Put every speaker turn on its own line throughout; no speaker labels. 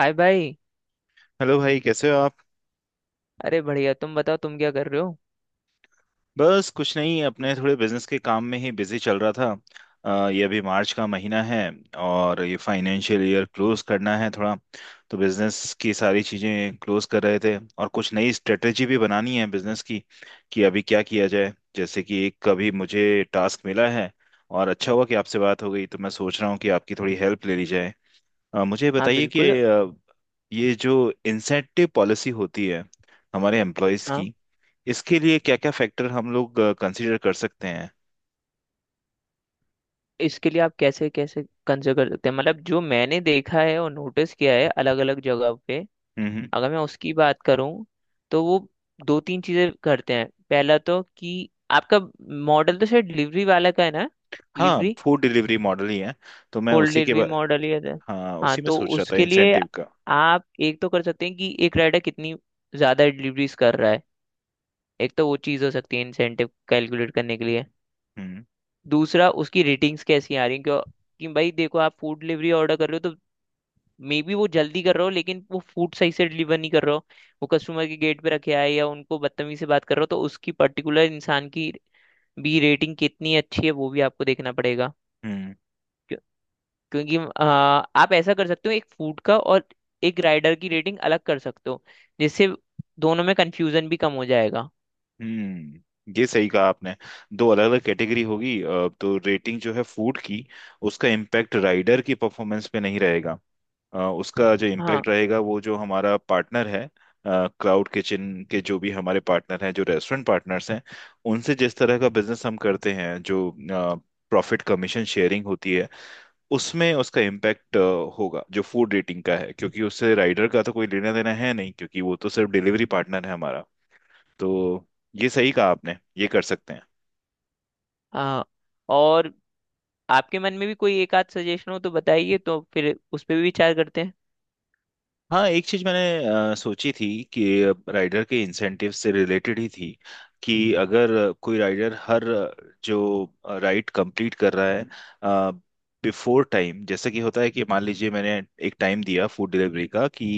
हाय भाई।
हेलो भाई, कैसे हो आप?
अरे बढ़िया, तुम बताओ तुम क्या कर रहे हो?
बस कुछ नहीं, अपने थोड़े बिजनेस के काम में ही बिजी चल रहा था। ये अभी मार्च का महीना है और ये फाइनेंशियल ईयर क्लोज करना है थोड़ा। तो बिजनेस की सारी चीजें क्लोज कर रहे थे और कुछ नई स्ट्रेटेजी भी बनानी है बिजनेस की कि अभी क्या किया जाए, जैसे कि एक कभी मुझे टास्क मिला है। और अच्छा हुआ कि आपसे बात हो गई, तो मैं सोच रहा हूँ कि आपकी थोड़ी हेल्प ले ली जाए। मुझे
हाँ
बताइए कि
बिल्कुल।
ये जो इंसेंटिव पॉलिसी होती है हमारे एम्प्लॉयज
हाँ,
की, इसके लिए क्या क्या फैक्टर हम लोग कंसीडर कर सकते हैं?
इसके लिए आप कैसे कैसे कंसिडर कर सकते हैं, मतलब जो मैंने देखा है और नोटिस किया है अलग अलग जगह पे,
हम्म,
अगर मैं उसकी बात करूँ तो वो दो तीन चीजें करते हैं। पहला तो कि आपका मॉडल तो शायद डिलीवरी वाला का है ना।
हाँ,
डिलीवरी,
फूड डिलीवरी मॉडल ही है। तो मैं
फुल
उसी के
डिलीवरी
बा...
मॉडल ही है।
हाँ,
हाँ,
उसी में
तो
सोच रहा था
उसके लिए
इंसेंटिव का।
आप एक तो कर सकते हैं कि एक राइडर कितनी ज्यादा डिलीवरीज कर रहा है। एक तो वो चीज़ हो सकती है इंसेंटिव कैलकुलेट करने के लिए।
हम्म,
दूसरा, उसकी रेटिंग्स कैसी आ रही हैं, क्यों कि भाई देखो, आप फूड डिलीवरी ऑर्डर कर रहे हो तो मे बी वो जल्दी कर रहे हो लेकिन वो फूड सही से डिलीवर नहीं कर रहे हो। वो कस्टमर के गेट पे रखे आए या उनको बदतमीजी से बात कर रहे हो, तो उसकी पर्टिकुलर इंसान की भी रेटिंग कितनी अच्छी है वो भी आपको देखना पड़ेगा।
हम्म।
क्यों- क्योंकि आप ऐसा कर सकते हो एक फूड का और एक राइडर की रेटिंग अलग कर सकते हो, जिससे दोनों में कंफ्यूजन भी कम हो जाएगा।
हम्म, ये सही कहा आपने। दो अलग अलग कैटेगरी होगी। तो रेटिंग जो है फूड की, उसका इम्पैक्ट राइडर की परफॉर्मेंस पे नहीं रहेगा। उसका जो
हाँ
इम्पैक्ट रहेगा, वो जो हमारा पार्टनर है, क्लाउड किचन के जो भी हमारे पार्टनर हैं, जो रेस्टोरेंट पार्टनर्स हैं, उनसे जिस तरह का बिजनेस हम करते हैं, जो प्रॉफिट कमीशन शेयरिंग होती है, उसमें उसका इम्पैक्ट होगा जो फूड रेटिंग का है, क्योंकि उससे राइडर का तो कोई लेना देना है नहीं, क्योंकि वो तो सिर्फ डिलीवरी पार्टनर है हमारा। तो ये सही कहा आपने, ये कर सकते हैं।
हाँ। और आपके मन में भी कोई एक आध सजेशन हो तो बताइए, तो फिर उस पर भी विचार करते हैं।
हाँ, एक चीज मैंने सोची थी, कि राइडर के इंसेंटिव से रिलेटेड ही थी, कि अगर कोई राइडर हर जो राइड कंप्लीट कर रहा है बिफोर टाइम, जैसे कि होता है कि मान लीजिए मैंने एक टाइम दिया फूड डिलीवरी का कि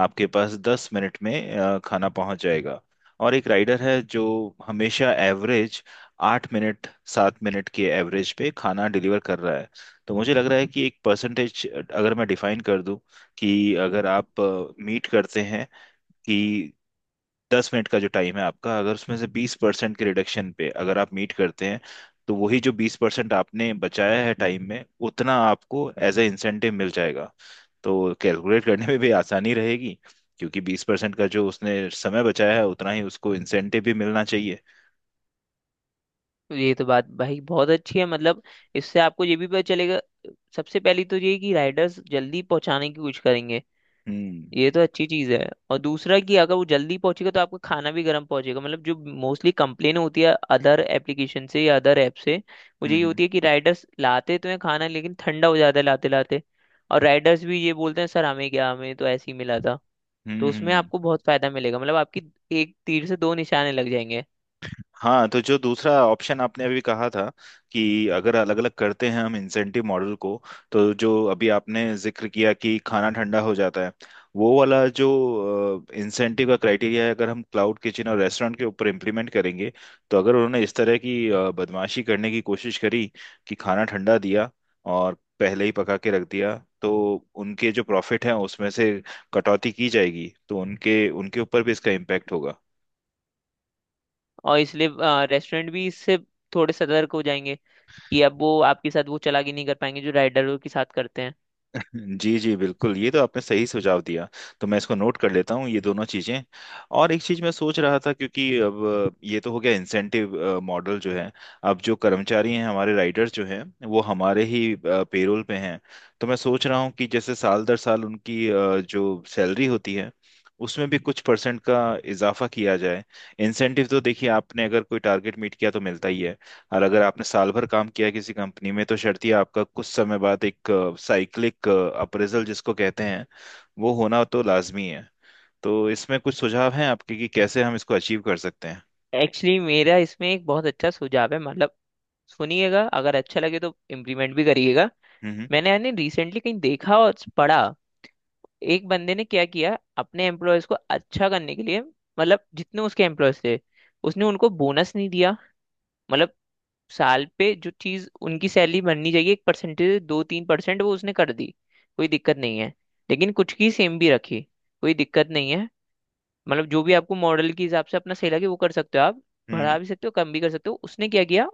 आपके पास 10 मिनट में खाना पहुंच जाएगा, और एक राइडर है जो हमेशा एवरेज 8 मिनट, 7 मिनट के एवरेज पे खाना डिलीवर कर रहा है, तो मुझे लग रहा है कि एक परसेंटेज अगर मैं डिफाइन कर दूं कि अगर आप मीट करते हैं कि 10 मिनट का जो टाइम है आपका, अगर उसमें से 20% के रिडक्शन पे अगर आप मीट करते हैं, तो वही जो 20% आपने बचाया है टाइम में, उतना आपको एज ए इंसेंटिव मिल जाएगा। तो कैलकुलेट करने में भी आसानी रहेगी, क्योंकि 20% का जो उसने समय बचाया है, उतना ही उसको इंसेंटिव भी मिलना चाहिए।
तो ये तो बात भाई बहुत अच्छी है, मतलब इससे आपको ये भी पता चलेगा। सबसे पहली तो ये कि राइडर्स जल्दी पहुंचाने की कोशिश करेंगे,
हम्म,
ये तो अच्छी चीज है। और दूसरा कि अगर वो जल्दी पहुंचेगा तो आपका खाना भी गर्म पहुंचेगा, मतलब जो मोस्टली कंप्लेन होती है अदर एप्लीकेशन से या अदर ऐप से, वो
हम्म,
यही
हम्म,
होती है कि राइडर्स लाते तो हैं खाना लेकिन ठंडा हो जाता है लाते लाते। और राइडर्स भी ये बोलते हैं सर हमें क्या, हमें तो ऐसे ही मिला था। तो
हम्म,
उसमें आपको बहुत फायदा मिलेगा, मतलब आपकी एक तीर से दो निशाने लग जाएंगे।
हाँ, तो जो दूसरा ऑप्शन आपने अभी कहा था कि अगर अलग अलग करते हैं हम इंसेंटिव मॉडल को, तो जो अभी आपने जिक्र किया कि खाना ठंडा हो जाता है, वो वाला जो इंसेंटिव का क्राइटेरिया है, अगर हम क्लाउड किचन और रेस्टोरेंट के ऊपर इम्प्लीमेंट करेंगे, तो अगर उन्होंने इस तरह की बदमाशी करने की कोशिश करी कि खाना ठंडा दिया और पहले ही पका के रख दिया, तो उनके जो प्रॉफिट हैं उसमें से कटौती की जाएगी, तो उनके उनके ऊपर भी इसका इम्पैक्ट होगा।
और इसलिए रेस्टोरेंट भी इससे थोड़े सतर्क हो जाएंगे कि अब वो आपके साथ वो चालाकी नहीं कर पाएंगे जो राइडरों के साथ करते हैं।
जी जी बिल्कुल, ये तो आपने सही सुझाव दिया। तो मैं इसको नोट कर लेता हूँ ये दोनों चीजें। और एक चीज मैं सोच रहा था, क्योंकि अब ये तो हो गया इंसेंटिव मॉडल जो है। अब जो कर्मचारी हैं हमारे, राइडर्स जो हैं, वो हमारे ही पेरोल पे हैं, तो मैं सोच रहा हूँ कि जैसे साल दर साल उनकी जो सैलरी होती है, उसमें भी कुछ परसेंट का इजाफा किया जाए। इंसेंटिव तो देखिए, आपने अगर कोई टारगेट मीट किया तो मिलता ही है, और अगर आपने साल भर काम किया किसी कंपनी में तो शर्त आपका कुछ समय बाद एक साइक्लिक अप्रेजल जिसको कहते हैं, वो होना तो लाजमी है। तो इसमें कुछ सुझाव हैं आपके कि कैसे हम इसको अचीव कर सकते हैं?
एक्चुअली मेरा इसमें एक बहुत अच्छा सुझाव है, मतलब सुनिएगा अगर अच्छा लगे तो इम्प्लीमेंट भी करिएगा।
हम्म,
मैंने यानी रिसेंटली कहीं देखा और पढ़ा, एक बंदे ने क्या किया अपने एम्प्लॉयज को अच्छा करने के लिए। मतलब जितने उसके एम्प्लॉयज थे, उसने उनको बोनस नहीं दिया। मतलब साल पे जो चीज उनकी सैलरी बननी चाहिए, एक परसेंटेज, 2-3%, वो उसने कर दी, कोई दिक्कत नहीं है। लेकिन कुछ की सेम भी रखी, कोई दिक्कत नहीं है। मतलब जो भी आपको मॉडल के हिसाब से अपना सही लगे वो कर सकते हो आप,
हम्म,
बढ़ा भी सकते हो कम भी कर सकते हो। उसने क्या किया,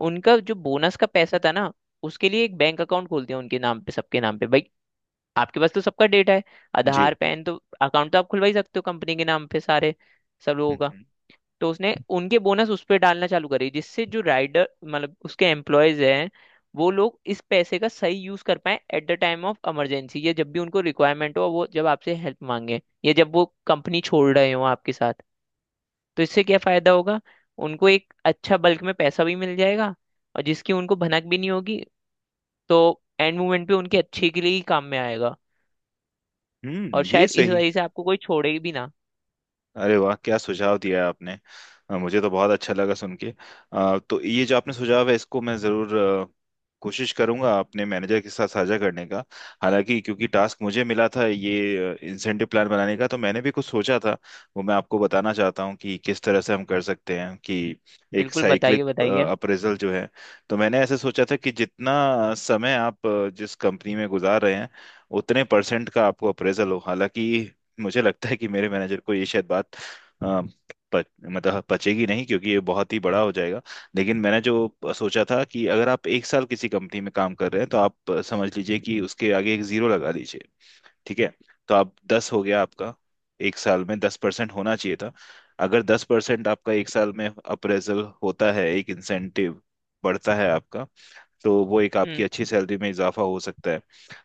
उनका जो बोनस का पैसा था ना, उसके लिए एक बैंक अकाउंट खोल दिया उनके नाम पे, सबके नाम पे भाई। आपके पास तो सबका डेटा है,
जी,
आधार पैन तो अकाउंट तो आप खुलवा ही सकते हो कंपनी के नाम पे सारे, सब लोगों
हम्म,
का। तो उसने उनके बोनस उस पर डालना चालू करी, जिससे जो राइडर मतलब उसके एम्प्लॉयज हैं, वो लोग इस पैसे का सही यूज कर पाए at the time of emergency, या जब भी उनको रिक्वायरमेंट हो, वो जब आपसे हेल्प मांगे या जब वो कंपनी छोड़ रहे हो आपके साथ। तो इससे क्या फायदा होगा, उनको एक अच्छा बल्क में पैसा भी मिल जाएगा और जिसकी उनको भनक भी नहीं होगी। तो एंड मोमेंट पे उनके अच्छे के लिए ही काम में आएगा। और
ये
शायद इस
सही।
वजह से आपको कोई छोड़े भी ना।
अरे वाह, क्या सुझाव दिया है आपने! मुझे तो बहुत अच्छा लगा सुन के। तो ये जो आपने सुझाव है, इसको मैं ज़रूर कोशिश करूंगा अपने मैनेजर के साथ साझा करने का। हालांकि, क्योंकि टास्क मुझे मिला था ये इंसेंटिव प्लान बनाने का, तो मैंने भी कुछ सोचा था, वो मैं आपको बताना चाहता हूँ कि किस तरह से हम कर सकते हैं कि एक
बिल्कुल बताइए
साइक्लिक
बताइए।
अप्रेजल जो है। तो मैंने ऐसे सोचा था कि जितना समय आप जिस कंपनी में गुजार रहे हैं, उतने परसेंट का आपको अप्रेजल हो। हालांकि मुझे लगता है कि मेरे मैनेजर को ये शायद बात अ, मतलब पचेगी नहीं, क्योंकि ये बहुत ही बड़ा हो जाएगा। लेकिन मैंने जो सोचा था कि अगर आप एक साल किसी कंपनी में काम कर रहे हैं, तो आप समझ लीजिए कि उसके आगे एक 0 लगा दीजिए। ठीक है? तो आप 10 हो गया आपका, एक साल में 10% होना चाहिए था। अगर 10% आपका एक साल में अप्रेजल होता है, एक इंसेंटिव बढ़ता है आपका, तो वो एक आपकी
हम्म
अच्छी सैलरी में इजाफा हो सकता है।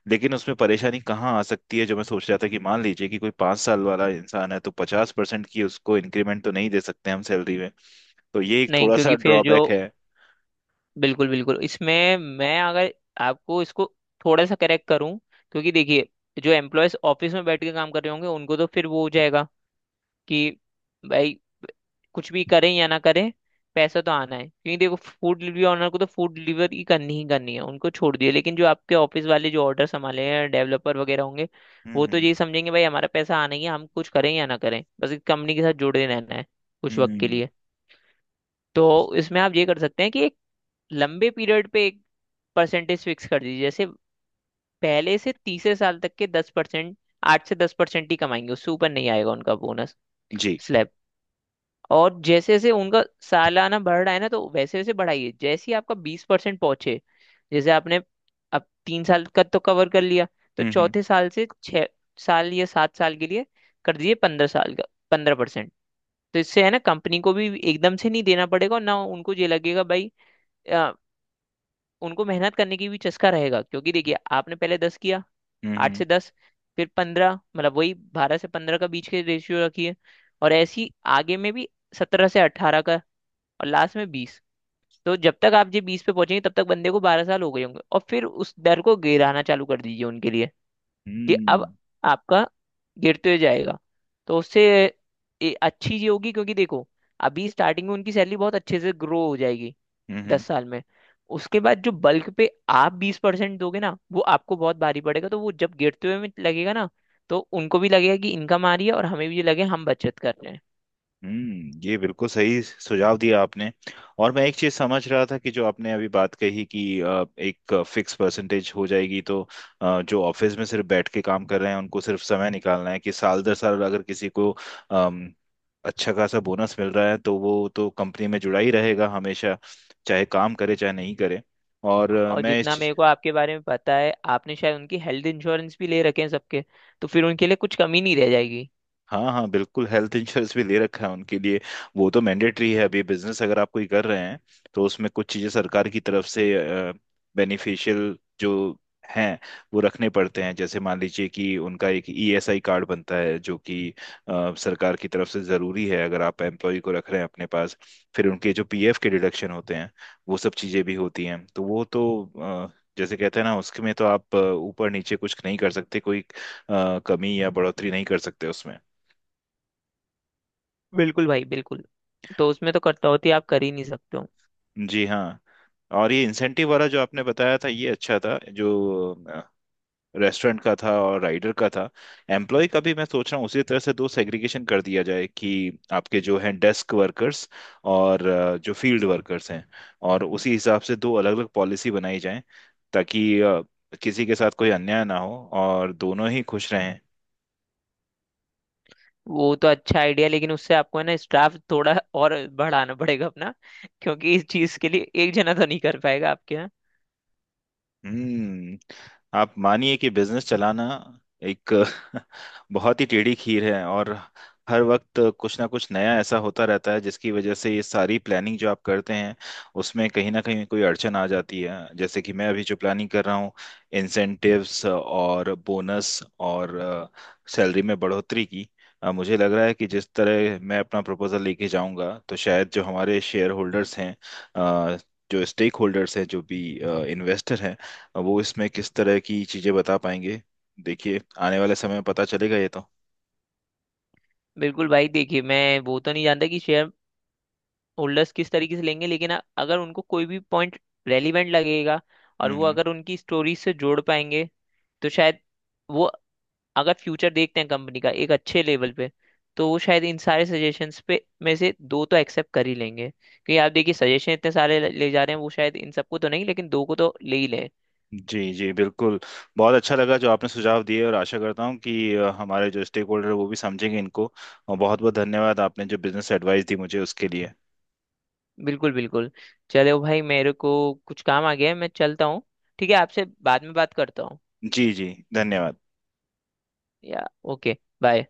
लेकिन उसमें परेशानी कहाँ आ सकती है, जो मैं सोच रहा था, कि मान लीजिए कि कोई 5 साल वाला इंसान है, तो 50% की उसको इंक्रीमेंट तो नहीं दे सकते हम सैलरी में। तो ये एक
नहीं,
थोड़ा सा
क्योंकि फिर जो,
ड्रॉबैक है।
बिल्कुल बिल्कुल, इसमें मैं अगर आपको इसको थोड़ा सा करेक्ट करूं, क्योंकि देखिए जो एम्प्लॉयज ऑफिस में बैठ के काम कर रहे होंगे उनको तो फिर वो हो जाएगा कि भाई कुछ भी करें या ना करें पैसा तो आना है। क्योंकि देखो फूड डिलीवरी ऑनर को तो फूड डिलीवरी ही करनी है, उनको छोड़ दिया, लेकिन जो आपके ऑफिस वाले जो ऑर्डर संभाले हैं डेवलपर वगैरह होंगे, वो तो
हम्म,
यही समझेंगे भाई हमारा पैसा आना ही है, हम कुछ करें या ना करें, बस एक कंपनी के साथ जुड़े रहना है कुछ
हम्म,
वक्त के लिए। तो इसमें आप ये कर सकते हैं कि एक लंबे पीरियड पे एक परसेंटेज फिक्स कर दीजिए, जैसे पहले से तीसरे साल तक के 10%, 8 से 10% ही कमाएंगे, उससे ऊपर नहीं आएगा उनका बोनस
जी,
स्लैब। और जैसे जैसे उनका सालाना बढ़ रहा है ना तो वैसे वैसे बढ़ाइए, जैसे ही आपका 20% पहुंचे, जैसे आपने अब 3 साल का तो कवर कर लिया, तो
हम्म, हम्म,
चौथे साल से 6 साल या 7 साल के लिए कर दीजिए 15 साल का, 15%। तो इससे है ना कंपनी को भी एकदम से नहीं देना पड़ेगा, और ना उनको ये लगेगा भाई। आ, उनको मेहनत करने की भी चस्का रहेगा, क्योंकि देखिए आपने पहले दस किया,
हम्म,
आठ
हम्म,
से दस फिर पंद्रह, मतलब वही 12 से 15 का बीच के रेशियो रखिए। और ऐसी आगे में भी 17 से 18 का, और लास्ट में बीस। तो जब तक आप ये बीस पे पहुंचेंगे तब तक बंदे को 12 साल हो गए होंगे, और फिर उस दर को गिराना चालू कर दीजिए उनके लिए कि अब आपका गिरते हुए जाएगा। तो उससे ये अच्छी चीज होगी क्योंकि देखो अभी स्टार्टिंग में उनकी सैलरी बहुत अच्छे से ग्रो हो जाएगी
हम्म,
दस साल में। उसके बाद जो बल्क पे आप 20% दोगे ना वो आपको बहुत भारी पड़ेगा, तो वो जब गिरते हुए में लगेगा ना तो उनको भी लगेगा कि इनकम आ रही है और हमें भी लगे हम बचत कर रहे हैं।
हम्म, ये बिल्कुल सही सुझाव दिया आपने। और मैं एक चीज समझ रहा था कि जो आपने अभी बात कही कि एक फिक्स परसेंटेज हो जाएगी, तो जो ऑफिस में सिर्फ बैठ के काम कर रहे हैं, उनको सिर्फ समय निकालना है कि साल दर साल अगर किसी को अम, अच्छा खासा बोनस मिल रहा है, तो वो तो कंपनी में जुड़ा ही रहेगा हमेशा, चाहे काम करे चाहे नहीं करे। और अ,
और
मैं इस
जितना मेरे को आपके बारे में पता है, आपने शायद उनकी हेल्थ इंश्योरेंस भी ले रखे हैं सबके, तो फिर उनके लिए कुछ कमी नहीं रह जाएगी।
हाँ हाँ बिल्कुल, हेल्थ इंश्योरेंस भी ले रखा है उनके लिए। वो तो मैंडेटरी है अभी, बिजनेस अगर आप कोई कर रहे हैं तो उसमें कुछ चीजें सरकार की तरफ से बेनिफिशियल जो हैं, वो रखने पड़ते हैं। जैसे मान लीजिए कि उनका एक ईएसआई कार्ड बनता है, जो कि सरकार की तरफ से जरूरी है अगर आप एम्प्लॉय को रख रहे हैं अपने पास। फिर उनके जो पीएफ के डिडक्शन होते हैं, वो सब चीजें भी होती हैं, तो वो तो अ, जैसे कहते हैं ना, उसमें तो आप ऊपर नीचे कुछ नहीं कर सकते, कोई कमी या बढ़ोतरी नहीं कर सकते उसमें।
बिल्कुल भाई बिल्कुल, तो उसमें तो कटौती आप कर ही नहीं सकते हो।
जी हाँ। और ये इंसेंटिव वाला जो आपने बताया था, ये अच्छा था, जो रेस्टोरेंट का था और राइडर का था। एम्प्लॉय का भी मैं सोच रहा हूँ उसी तरह से दो सेग्रीगेशन कर दिया जाए, कि आपके जो हैं डेस्क वर्कर्स, और जो फील्ड वर्कर्स हैं, और उसी हिसाब से दो अलग अलग पॉलिसी बनाई जाए, ताकि किसी के साथ कोई अन्याय ना हो और दोनों ही खुश रहें।
वो तो अच्छा आइडिया, लेकिन उससे आपको है ना स्टाफ थोड़ा और बढ़ाना पड़ेगा अपना, क्योंकि इस चीज के लिए एक जना तो नहीं कर पाएगा आपके यहाँ।
हम्म। आप मानिए कि बिजनेस चलाना एक बहुत ही टेढ़ी खीर है, और हर वक्त कुछ ना कुछ नया ऐसा होता रहता है, जिसकी वजह से ये सारी प्लानिंग जो आप करते हैं उसमें कहीं ना कहीं कोई अड़चन आ जाती है। जैसे कि मैं अभी जो प्लानिंग कर रहा हूँ इंसेंटिव्स और बोनस और सैलरी में बढ़ोतरी की, मुझे लग रहा है कि जिस तरह मैं अपना प्रपोजल लेके जाऊंगा, तो शायद जो हमारे शेयर होल्डर्स हैं, अ, जो स्टेक होल्डर्स हैं, जो भी इन्वेस्टर हैं, अब वो इसमें किस तरह की चीजें बता पाएंगे, देखिए आने वाले समय में पता चलेगा ये तो।
बिल्कुल भाई देखिए, मैं वो तो नहीं जानता कि शेयर होल्डर्स किस तरीके से लेंगे, लेकिन अगर उनको कोई भी पॉइंट रेलिवेंट लगेगा और वो
हम्म।
अगर उनकी स्टोरी से जोड़ पाएंगे, तो शायद वो, अगर फ्यूचर देखते हैं कंपनी का एक अच्छे लेवल पे, तो वो शायद इन सारे सजेशंस पे में से दो तो एक्सेप्ट कर ही लेंगे। क्योंकि आप देखिए सजेशन इतने सारे ले ले जा रहे हैं, वो शायद इन सबको तो नहीं लेकिन दो को तो ले ही लें।
जी जी बिल्कुल, बहुत अच्छा लगा जो आपने सुझाव दिए, और आशा करता हूँ कि हमारे जो स्टेक होल्डर, वो भी समझेंगे इनको। और बहुत बहुत धन्यवाद आपने जो बिजनेस एडवाइस दी मुझे उसके लिए।
बिल्कुल बिल्कुल। चलो भाई मेरे को कुछ काम आ गया है, मैं चलता हूँ। ठीक है, आपसे बाद में बात करता हूँ।
जी जी धन्यवाद।
या ओके बाय।